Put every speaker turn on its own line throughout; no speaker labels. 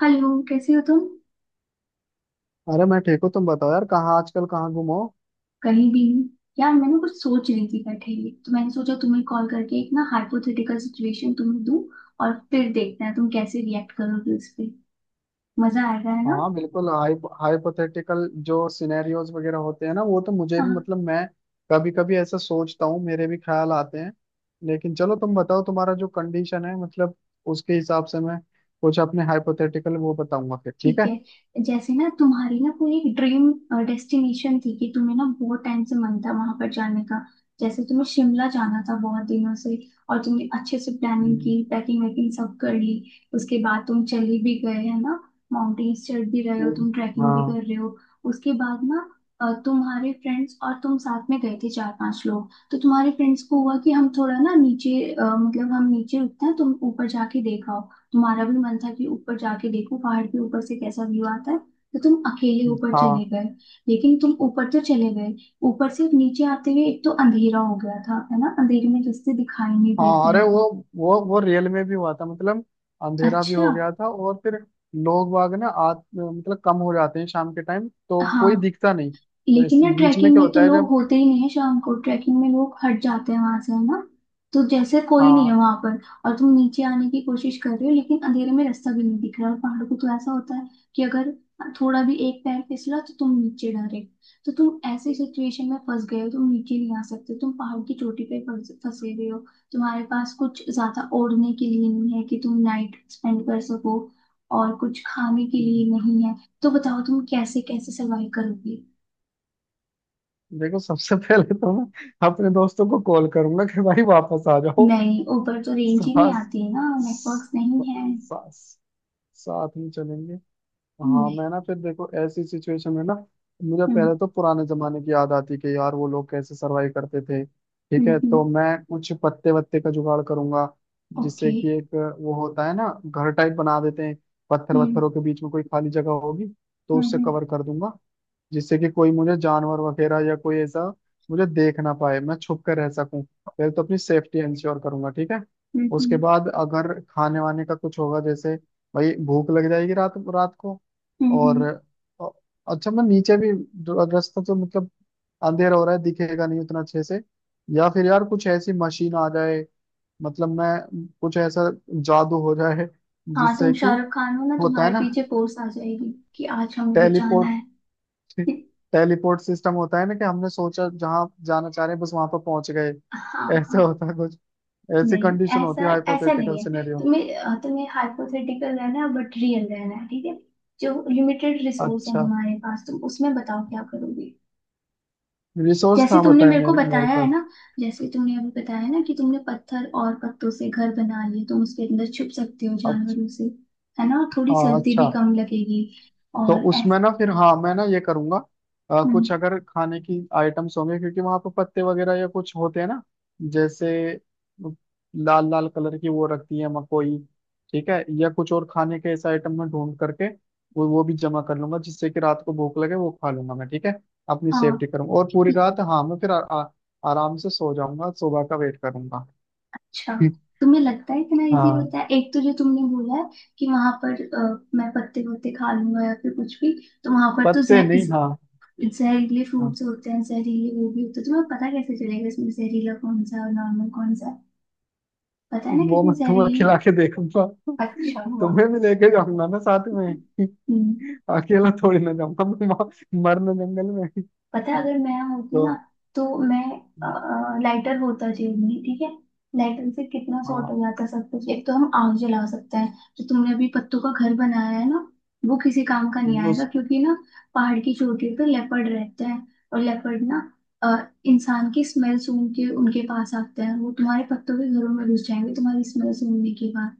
Hello, कैसे हो तुम।
अरे, मैं ठीक हूँ। तुम बताओ यार, कहाँ आजकल कहाँ गुम हो।
कहीं भी नहीं। यार मैं ना कुछ सोच रही थी, बैठे ही तो मैंने सोचा तुम्हें कॉल करके एक ना हाइपोथेटिकल सिचुएशन तुम्हें दूं, और फिर देखते हैं तुम कैसे रिएक्ट करोगे उस पे। मजा आएगा है ना।
हाँ, बिल्कुल। हाइपोथेटिकल जो सिनेरियोज वगैरह होते हैं ना, वो तो मुझे भी,
हाँ।
मतलब मैं कभी कभी ऐसा सोचता हूँ, मेरे भी ख्याल आते हैं। लेकिन चलो तुम बताओ, तुम्हारा जो कंडीशन है, मतलब उसके हिसाब से मैं कुछ अपने हाइपोथेटिकल वो बताऊंगा फिर। ठीक
ठीक
है।
है, जैसे ना तुम्हारी ना कोई एक ड्रीम डेस्टिनेशन थी कि तुम्हें ना बहुत टाइम से मन था वहां पर जाने का। जैसे तुम्हें शिमला जाना था बहुत दिनों से, और तुमने अच्छे से प्लानिंग
हम्म।
की, पैकिंग वैकिंग सब कर ली। उसके बाद तुम चले भी गए है ना, माउंटेन्स चढ़ भी रहे हो
हम्म।
तुम, ट्रैकिंग भी
हाँ,
कर रहे हो। उसके बाद ना तुम्हारे फ्रेंड्स और तुम साथ में गए थे चार पांच लोग, तो तुम्हारे फ्रेंड्स को हुआ कि हम थोड़ा ना नीचे मतलब हम नीचे रुकते हैं, तुम ऊपर जाके देखो। तुम्हारा भी मन था कि ऊपर जाके देखो पहाड़ के ऊपर से कैसा व्यू आता है, तो तुम अकेले ऊपर
हाँ,
चले गए। लेकिन तुम ऊपर तो चले गए, ऊपर से नीचे आते हुए एक तो अंधेरा हो गया था, है ना, अंधेरे में रास्ते दिखाई नहीं देते
हाँ। अरे,
हैं।
वो रियल में भी हुआ था, मतलब अंधेरा भी
अच्छा।
हो गया था। और फिर लोग बाग ना आत मतलब कम हो जाते हैं शाम के टाइम, तो कोई
हाँ,
दिखता नहीं। तो इस
लेकिन यार
बीच में
ट्रैकिंग
क्या
में तो
होता है
लोग
जब।
होते ही नहीं है, शाम को ट्रैकिंग में लोग हट जाते हैं वहां से, है ना। तो जैसे कोई नहीं है
हाँ।
वहां पर, और तुम नीचे आने की कोशिश कर रहे हो लेकिन अंधेरे में रास्ता भी नहीं दिख रहा। और पहाड़ों को तो ऐसा होता है कि अगर थोड़ा भी एक पैर फिसला तो तुम नीचे डायरेक्ट, तो तुम ऐसी सिचुएशन में फंस गए हो, तुम नीचे नहीं आ सकते, तुम पहाड़ की चोटी पे फंसे हुए हो। तुम्हारे पास कुछ ज्यादा ओढ़ने के लिए नहीं है कि तुम नाइट स्पेंड कर सको, और कुछ खाने के लिए नहीं है। तो बताओ, तुम कैसे कैसे सर्वाइव करोगे।
देखो, सबसे पहले तो मैं अपने दोस्तों को कॉल करूंगा कि भाई वापस आ जाओ।
नहीं, ऊपर तो रेंज ही नहीं
साथ
आती है ना, नेटवर्क्स नहीं है।
साथ साथ में चलेंगे। हाँ,
नहीं।
मैं ना फिर, देखो, ऐसी सिचुएशन में ना मुझे
हम्म।
पहले तो पुराने जमाने की याद आती कि यार वो लोग कैसे सरवाइव करते थे। ठीक
हम्म,
है,
okay,
तो
हम्म।
मैं कुछ पत्ते वत्ते का जुगाड़ करूंगा जिससे
ओके।
कि एक, वो होता है ना, घर टाइप बना देते हैं। पत्थर
हम्म।
वत्थरों के बीच में कोई खाली जगह होगी, तो
हम्म।
उससे
हम्म,
कवर कर दूंगा। जिससे कि कोई मुझे जानवर वगैरह या कोई ऐसा मुझे देख ना पाए, मैं छुप कर रह सकूं। पहले तो अपनी सेफ्टी इंश्योर करूंगा। ठीक है। उसके
हम्म।
बाद अगर खाने वाने का कुछ होगा, जैसे, भाई भूख लग जाएगी रात रात को।
हम्म।
और
हम्म।
अ- अच्छा, मैं नीचे भी जो रास्ता, तो मतलब अंधेरा हो रहा है, दिखेगा नहीं उतना अच्छे से। या फिर यार कुछ ऐसी मशीन आ जाए, मतलब मैं कुछ ऐसा, जादू हो जाए,
हाँ, तुम
जिससे कि,
शाहरुख खान हो ना,
होता है
तुम्हारे
ना
पीछे पोस्ट आ जाएगी कि आज हमें बचाना है।
टेलीपोर्ट टेलीपोर्ट सिस्टम होता है ना, कि हमने सोचा जहां जाना चाह रहे हैं, बस वहां पर पहुंच गए।
हाँ हाँ।
ऐसा होता है कुछ, ऐसी
नहीं,
कंडीशन होती
ऐसा
है
ऐसा
हाइपोथेटिकल
नहीं है।
सिनेरियो।
तुम्हें तुम्हें हाइपोथेटिकल रहना है बट रियल रहना है, ठीक है। जो लिमिटेड रिसोर्स है
अच्छा।
तुम्हारे पास, तुम उसमें बताओ क्या करोगे।
रिसोर्स
जैसे
कहाँ
तुमने
बताए
मेरे को
मेरे मेरे
बताया है
पास।
ना, जैसे तुमने अभी बताया ना कि तुमने पत्थर और पत्तों से घर बना लिए, तुम उसके अंदर छुप सकते हो
अच्छा।
जानवरों से, है ना, और थोड़ी
हाँ,
सर्दी
अच्छा।
भी कम लगेगी।
तो
और
उसमें
ऐसे।
ना फिर, हाँ, मैं ना ये करूंगा। कुछ अगर खाने की आइटम्स होंगे, क्योंकि वहां पर पत्ते वगैरह या कुछ होते हैं ना। जैसे लाल लाल कलर की वो रखती है, मकोई। ठीक है, या कुछ और खाने के ऐसे आइटम में ढूंढ करके वो भी जमा कर लूंगा, जिससे कि रात को भूख लगे वो खा लूंगा मैं। ठीक है। अपनी सेफ्टी
हाँ।
करूंगा, और पूरी
ये-
रात, हाँ, मैं फिर आ, आ, आराम से सो जाऊंगा, सुबह का वेट करूंगा।
अच्छा, तुम्हें लगता है इतना इजी
हाँ,
होता है? एक तो जो तुमने बोला है कि वहां पर मैं पत्ते वत्ते खा लूंगा या फिर कुछ भी, तो वहां पर तो
पत्ते नहीं, हाँ।
जहरीले फ्रूट्स होते हैं, जहरीले वो भी होते हैं। तुम्हें पता कैसे चलेगा इसमें जहरीला कौन सा है और नॉर्मल कौन सा है। पता है ना
वो
कितनी
मैं तुम्हें खिला
जहरीली।
के देखूंगा।
अच्छा हुआ।
तुम्हें भी लेके जाऊंगा ना साथ में।
हम्म।
अकेला थोड़ी ना जाऊंगा मैं मरने जंगल में।
पता है, अगर मैं होती
तो
ना, तो मैं लाइटर होता जेब में, ठीक है। लाइटर से कितना सॉर्ट हो
हाँ।
जाता सब कुछ। एक तो हम आग जला सकते हैं। जो तुमने अभी पत्तों का घर बनाया है ना, वो किसी काम का नहीं आएगा,
उस
क्योंकि ना पहाड़ की चोटी पे लेपर्ड रहते हैं। और लेपर्ड ना अ, इंसान की स्मेल सूंघ के उनके पास आते हैं। वो तुम्हारे पत्तों के घरों में घुस जाएंगे, तुम्हारी स्मेल सूंघने के बाद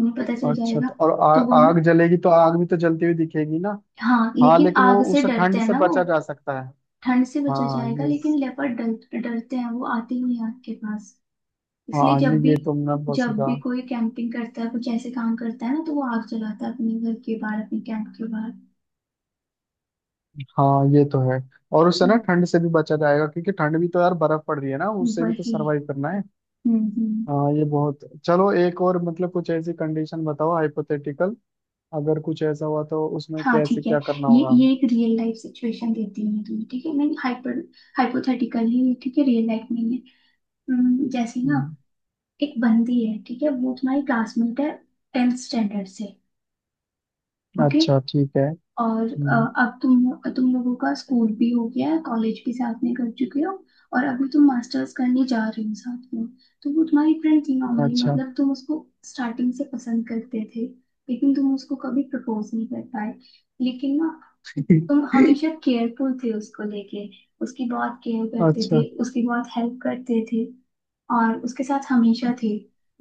उन्हें पता चल
अच्छा, तो
जाएगा।
और
तो वो ना।
आग जलेगी तो आग भी तो जलती हुई दिखेगी ना।
हाँ,
हाँ,
लेकिन
लेकिन वो
आग से
उससे
डरते
ठंड
हैं
से
ना वो।
बचा जा सकता है।
ठंड से बचा
हाँ,
जाएगा,
ये।
लेकिन लेपर्ड डर डरते हैं वो, आते ही नहीं आपके पास। इसलिए
हाँ,
जब
ये
भी,
ये तुमने बहुत सही
जब भी
कहा।
कोई कैंपिंग करता है, कुछ ऐसे काम करता है ना, तो वो आग जलाता है अपने घर के बाहर, अपने कैंप के बाहर।
हाँ, ये तो है। और उससे ना
हम्म।
ठंड से भी बचा जाएगा, क्योंकि ठंड भी तो, यार, बर्फ पड़ रही है ना, उससे भी तो
वही।
सरवाइव करना है।
हम्म।
हाँ, ये बहुत। चलो एक और, मतलब कुछ ऐसी कंडीशन बताओ हाइपोथेटिकल। अगर कुछ ऐसा हुआ तो उसमें
हाँ,
कैसे
ठीक है।
क्या करना होगा हमें?
ये एक रियल लाइफ सिचुएशन देती हूँ मैं तुम्हें, ठीक है, नहीं, हाइपर हाइपोथेटिकल ही है, ये, ठीक है, रियल लाइफ नहीं है। जैसे ना
हम्म,
एक बंदी है, ठीक है, वो तुम्हारी क्लासमेट है टेंथ स्टैंडर्ड से। ओके।
अच्छा, ठीक है।
और
हम्म,
अब तुम लोगों का स्कूल भी हो गया है, कॉलेज भी साथ में कर चुके हो, और अभी तुम मास्टर्स करने जा रहे हो साथ में। तो वो तुम्हारी फ्रेंड थी नॉर्मली,
अच्छा।
मतलब तुम उसको स्टार्टिंग से पसंद करते थे, लेकिन तुम उसको कभी प्रपोज नहीं कर पाए। लेकिन ना तुम हमेशा केयरफुल थे उसको लेके, उसकी बहुत केयर करते थे,
अच्छा।
उसकी बहुत हेल्प करते थे, और उसके साथ हमेशा थे।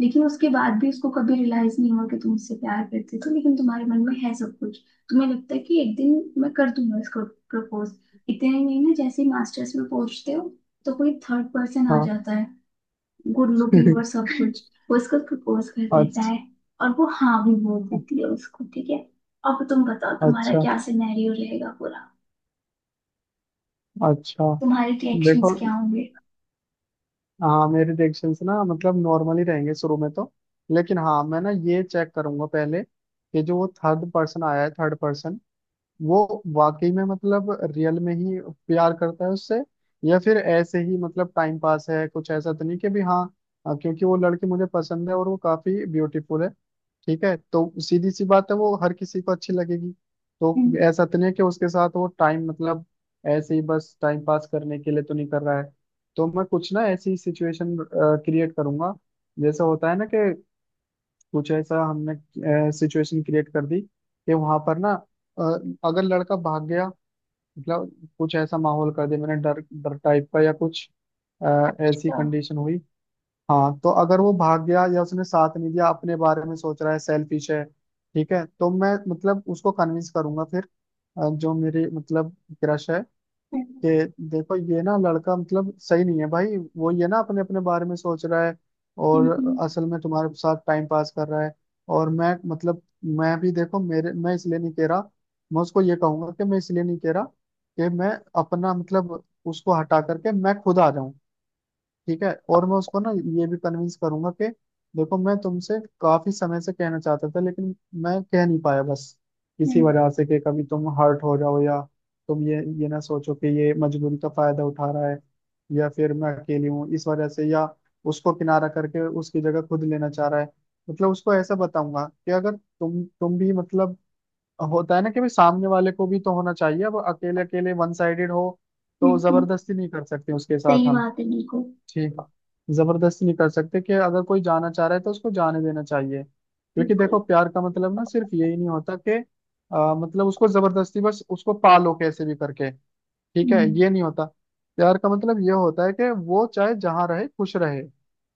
लेकिन उसके बाद भी उसको कभी रियलाइज नहीं हुआ कि तुम उससे प्यार करते थे, लेकिन तुम्हारे मन में है सब कुछ। तुम्हें लगता है कि एक दिन मैं कर दूंगा इसको प्रपोज। इतने में ना जैसे ही मास्टर्स में पहुंचते हो, तो कोई थर्ड पर्सन आ
हाँ।
जाता है, गुड लुकिंग और सब कुछ, वो इसको प्रपोज कर देता
अच्छा।
है, और वो हाँ भी बोल देती है उसको, ठीक है। अब तुम बताओ, तुम्हारा
अच्छा।
क्या सिनेरियो रहेगा पूरा,
अच्छा।
तुम्हारे रिएक्शंस
देखो,
क्या होंगे।
हाँ, मेरे रिएक्शन ना, मतलब नॉर्मल ही रहेंगे शुरू में तो। लेकिन हाँ, मैं ना ये चेक करूंगा पहले कि जो वो थर्ड पर्सन आया है, थर्ड पर्सन वो वाकई में, मतलब रियल में ही प्यार करता है उससे, या फिर ऐसे ही, मतलब टाइम पास है। कुछ ऐसा तो नहीं कि, भी, हाँ। हाँ, क्योंकि वो लड़की मुझे पसंद है, और वो काफी ब्यूटीफुल है। ठीक है, तो सीधी सी बात है, वो हर किसी को अच्छी लगेगी। तो
हम्म।
ऐसा तो नहीं है कि उसके साथ वो टाइम, मतलब ऐसे ही बस टाइम पास करने के लिए तो नहीं कर रहा है। तो मैं कुछ ना ऐसी सिचुएशन क्रिएट करूंगा, जैसे होता है ना, कि कुछ ऐसा हमने सिचुएशन क्रिएट कर दी कि वहां पर ना, अ, अगर लड़का भाग गया, मतलब कुछ ऐसा माहौल कर दिया मैंने डर डर टाइप का, या कुछ अ, ऐसी
अच्छा।
कंडीशन हुई। हाँ, तो अगर वो भाग गया, या उसने साथ नहीं दिया, अपने बारे में सोच रहा है, सेल्फिश है। ठीक है, तो मैं मतलब उसको कन्विंस करूंगा फिर, जो मेरी मतलब क्रश है,
हम्म।
कि देखो ये ना लड़का, मतलब सही नहीं है भाई वो, ये ना अपने अपने बारे में सोच रहा है,
हम्म।
और
हम्म।
असल में तुम्हारे साथ टाइम पास कर रहा है। और मैं, मतलब मैं भी, देखो, मेरे मैं इसलिए नहीं कह रहा, मैं उसको ये कहूंगा कि मैं इसलिए नहीं कह रहा कि मैं अपना, मतलब उसको हटा करके मैं खुद आ जाऊं। ठीक है। और मैं उसको ना ये भी कन्विंस करूंगा कि देखो मैं तुमसे काफी समय से कहना चाहता था, लेकिन मैं कह नहीं पाया बस इसी
हम्म।
वजह से, कि कभी तुम हर्ट हो जाओ, या तुम ये ना सोचो कि ये मजबूरी का फायदा उठा रहा है, या फिर मैं अकेली हूँ इस वजह से, या उसको किनारा करके उसकी जगह खुद लेना चाह रहा है। मतलब उसको ऐसा बताऊंगा कि अगर तुम भी, मतलब होता है ना, कि भाई, सामने वाले को भी तो होना चाहिए, अब अकेले अकेले वन साइडेड हो,
हम्म।
तो जबरदस्ती नहीं कर सकते उसके साथ
सही
हम।
बात है, बिल्कुल।
ठीक। जबरदस्ती नहीं कर सकते, कि अगर कोई जाना चाह रहा है तो उसको जाने देना चाहिए, क्योंकि
बिल्कुल।
देखो प्यार का मतलब ना सिर्फ यही नहीं होता कि मतलब उसको जबरदस्ती, बस उसको पालो कैसे भी करके। ठीक है,
हम्म।
ये नहीं होता। प्यार का मतलब ये होता है कि वो चाहे जहाँ रहे खुश रहे।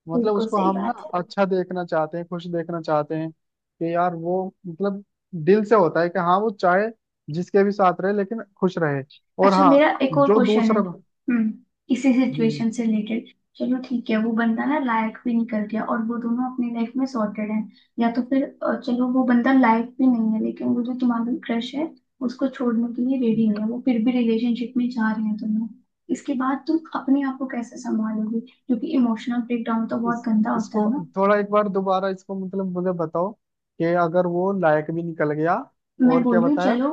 मतलब
बिल्कुल
उसको
सही
हम ना
बात है।
अच्छा देखना चाहते हैं, खुश देखना चाहते हैं, कि यार वो मतलब दिल से होता है कि हाँ, वो चाहे जिसके भी साथ रहे, लेकिन खुश रहे। और
अच्छा,
हाँ,
मेरा एक और
जो
क्वेश्चन है।
दूसरा।
हम्म, इसी
हम्म,
सिचुएशन से रिलेटेड, चलो, ठीक है, वो बंदा ना लायक भी निकल गया और वो दोनों अपनी लाइफ में सॉर्टेड हैं। या तो फिर चलो, वो बंदा लायक भी नहीं है, लेकिन वो जो तुम्हारा क्रश है उसको छोड़ने के लिए रेडी है, वो फिर भी रिलेशनशिप में जा रहे हैं दोनों। इसके बाद तुम अपने आप को कैसे संभालोगे, क्योंकि इमोशनल ब्रेकडाउन तो बहुत
इस
गंदा होता
इसको
है ना।
थोड़ा एक बार दोबारा, इसको मतलब मुझे बताओ कि अगर वो लायक भी निकल गया,
मैं
और
बोल
क्या
रही हूँ,
बताया।
चलो,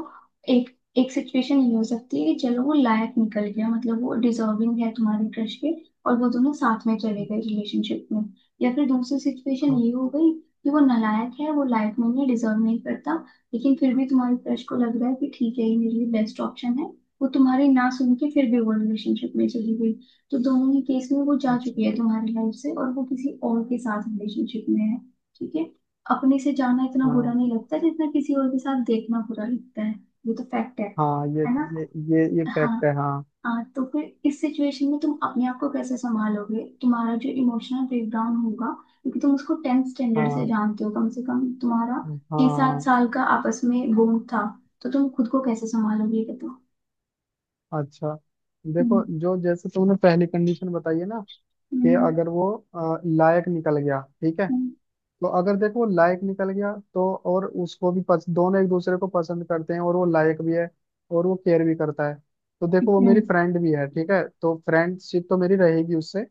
एक, एक सिचुएशन ये हो सकती है कि चलो वो लायक निकल गया, मतलब वो डिजर्विंग है तुम्हारे क्रश के, और वो दोनों साथ में चले गए रिलेशनशिप में। या फिर दूसरी सिचुएशन
हाँ,
ये हो गई कि वो नालायक है, वो लायक नहीं है, डिजर्व नहीं करता, लेकिन फिर भी तुम्हारे क्रश को लग रहा है कि ठीक है, ये मेरे लिए बेस्ट ऑप्शन है। वो तुम्हारी ना सुन के फिर भी वो रिलेशनशिप में चली गई। तो दोनों ही केस में वो जा
अच्छा।
चुकी है तुम्हारी लाइफ से, और वो किसी और के साथ रिलेशनशिप में है, ठीक है। अपने से जाना इतना बुरा
हाँ,
नहीं लगता जितना किसी और के साथ देखना बुरा लगता है। ये तो फैक्ट है
हाँ
है ना।
ये ये
हाँ।
फैक्ट है हाँ।
हाँ, तो फिर इस सिचुएशन में तुम अपने आप को कैसे संभालोगे, तुम्हारा जो इमोशनल ब्रेकडाउन होगा, क्योंकि तुम उसको टेंथ स्टैंडर्ड से
हाँ।
जानते हो कम से कम, तुम्हारा छह सात
हाँ।
साल का आपस में बॉन्ड था। तो तुम खुद को कैसे संभालोगे, ये बताओ।
अच्छा।
हम्म।
देखो, जो जैसे तुमने पहली कंडीशन बताई है ना, कि
हम्म।
अगर वो लायक निकल गया, ठीक है।
हम्म,
तो अगर देखो लायक निकल गया, तो और उसको भी दोनों एक दूसरे को पसंद करते हैं, और वो लायक भी है, और वो केयर भी करता है। तो देखो, वो
हम्म।
मेरी फ्रेंड भी है, ठीक है, तो फ्रेंडशिप तो मेरी रहेगी उससे।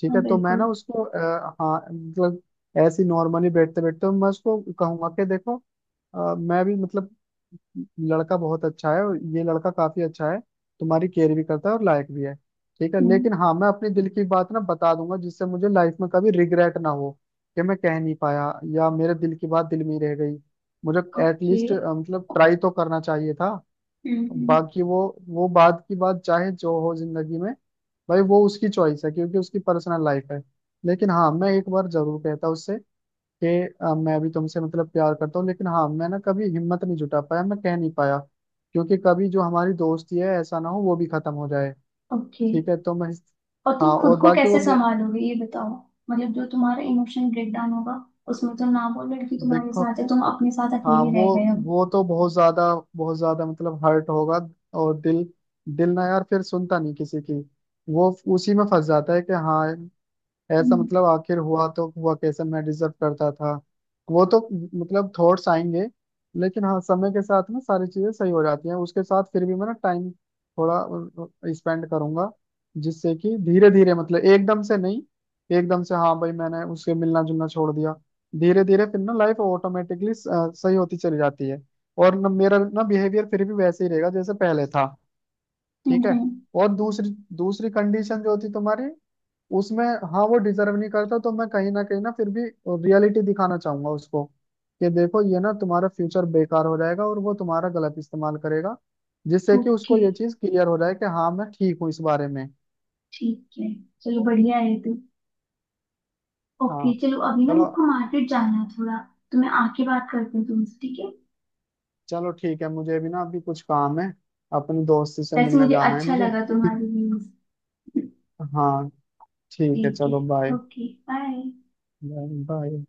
ठीक
हाँ,
है, तो मैं ना
बिल्कुल।
उसको हाँ मतलब ऐसी नॉर्मली बैठते बैठते मैं उसको कहूंगा कि देखो, मैं भी, मतलब लड़का बहुत अच्छा है, और ये लड़का काफी अच्छा है, तुम्हारी केयर भी करता है, और लायक भी है। ठीक है,
हम्म।
लेकिन हाँ, मैं अपने दिल की बात ना बता दूंगा, जिससे मुझे लाइफ में कभी रिग्रेट ना हो कि मैं कह नहीं पाया, या मेरे दिल की बात दिल में ही रह गई मुझे।
ओके।
एटलीस्ट मतलब ट्राई तो करना चाहिए था।
हम्म, हम्म।
बाकी वो बात की बात चाहे जो हो जिंदगी में, भाई, वो उसकी चॉइस है, क्योंकि उसकी पर्सनल लाइफ है। लेकिन हाँ, मैं एक बार जरूर कहता उससे, कि मैं भी तुमसे, मतलब प्यार करता हूँ, लेकिन हाँ, मैं ना कभी हिम्मत नहीं जुटा पाया, मैं कह नहीं पाया, क्योंकि कभी जो हमारी दोस्ती है, ऐसा ना हो वो भी खत्म हो जाए।
ओके,
ठीक है, तो मैं,
और तुम
हाँ,
खुद
और
को
बाकी वो
कैसे संभालोगे, ये बताओ। मतलब जो तुम्हारा इमोशन ब्रेकडाउन होगा, उसमें तुम ना बोलो, लड़की तुम्हारे
देखो,
साथ है, तुम अपने साथ
हाँ,
अकेले
वो
रह गए हो।
वो तो बहुत ज्यादा बहुत ज्यादा, मतलब हर्ट होगा। और दिल दिल ना यार फिर सुनता नहीं किसी की। वो उसी में फंस जाता है कि हाँ, ऐसा, मतलब आखिर हुआ तो हुआ कैसे, मैं डिजर्व करता था। वो तो, मतलब थॉट्स आएंगे। लेकिन हाँ, समय के साथ में सारी चीजें सही हो जाती हैं, उसके साथ फिर भी मैं ना टाइम थोड़ा स्पेंड करूंगा, जिससे कि धीरे धीरे, मतलब एकदम से नहीं, एकदम से हाँ भाई मैंने उसके मिलना जुलना छोड़ दिया, धीरे धीरे फिर ना लाइफ ऑटोमेटिकली सही होती चली जाती है। और ना मेरा ना बिहेवियर फिर भी वैसे ही रहेगा जैसे पहले था। ठीक है।
हम्म।
और दूसरी दूसरी कंडीशन जो थी तुम्हारी, उसमें, हाँ, वो डिजर्व नहीं करता, तो मैं कहीं ना फिर भी रियलिटी दिखाना चाहूंगा उसको, कि देखो, ये ना तुम्हारा फ्यूचर बेकार हो जाएगा, और वो तुम्हारा गलत इस्तेमाल करेगा, जिससे कि उसको
ओके,
ये चीज क्लियर हो जाए कि हाँ, मैं ठीक हूँ इस बारे में।
ठीक है, चलो, बढ़िया है तू। ओके,
हाँ।
चलो अभी ना
चलो।
मुझको मार्केट जाना है थोड़ा, तो मैं आके बात करती हूँ तुमसे, ठीक है।
चलो ठीक है, मुझे भी ना अभी कुछ काम है, अपने दोस्त से
वैसे
मिलने
मुझे
जाना है
अच्छा
मुझे।
लगा तुम्हारी व्यूज।
हाँ, ठीक है,
ठीक
चलो
है,
bye.
Okay, bye.
Bye, bye.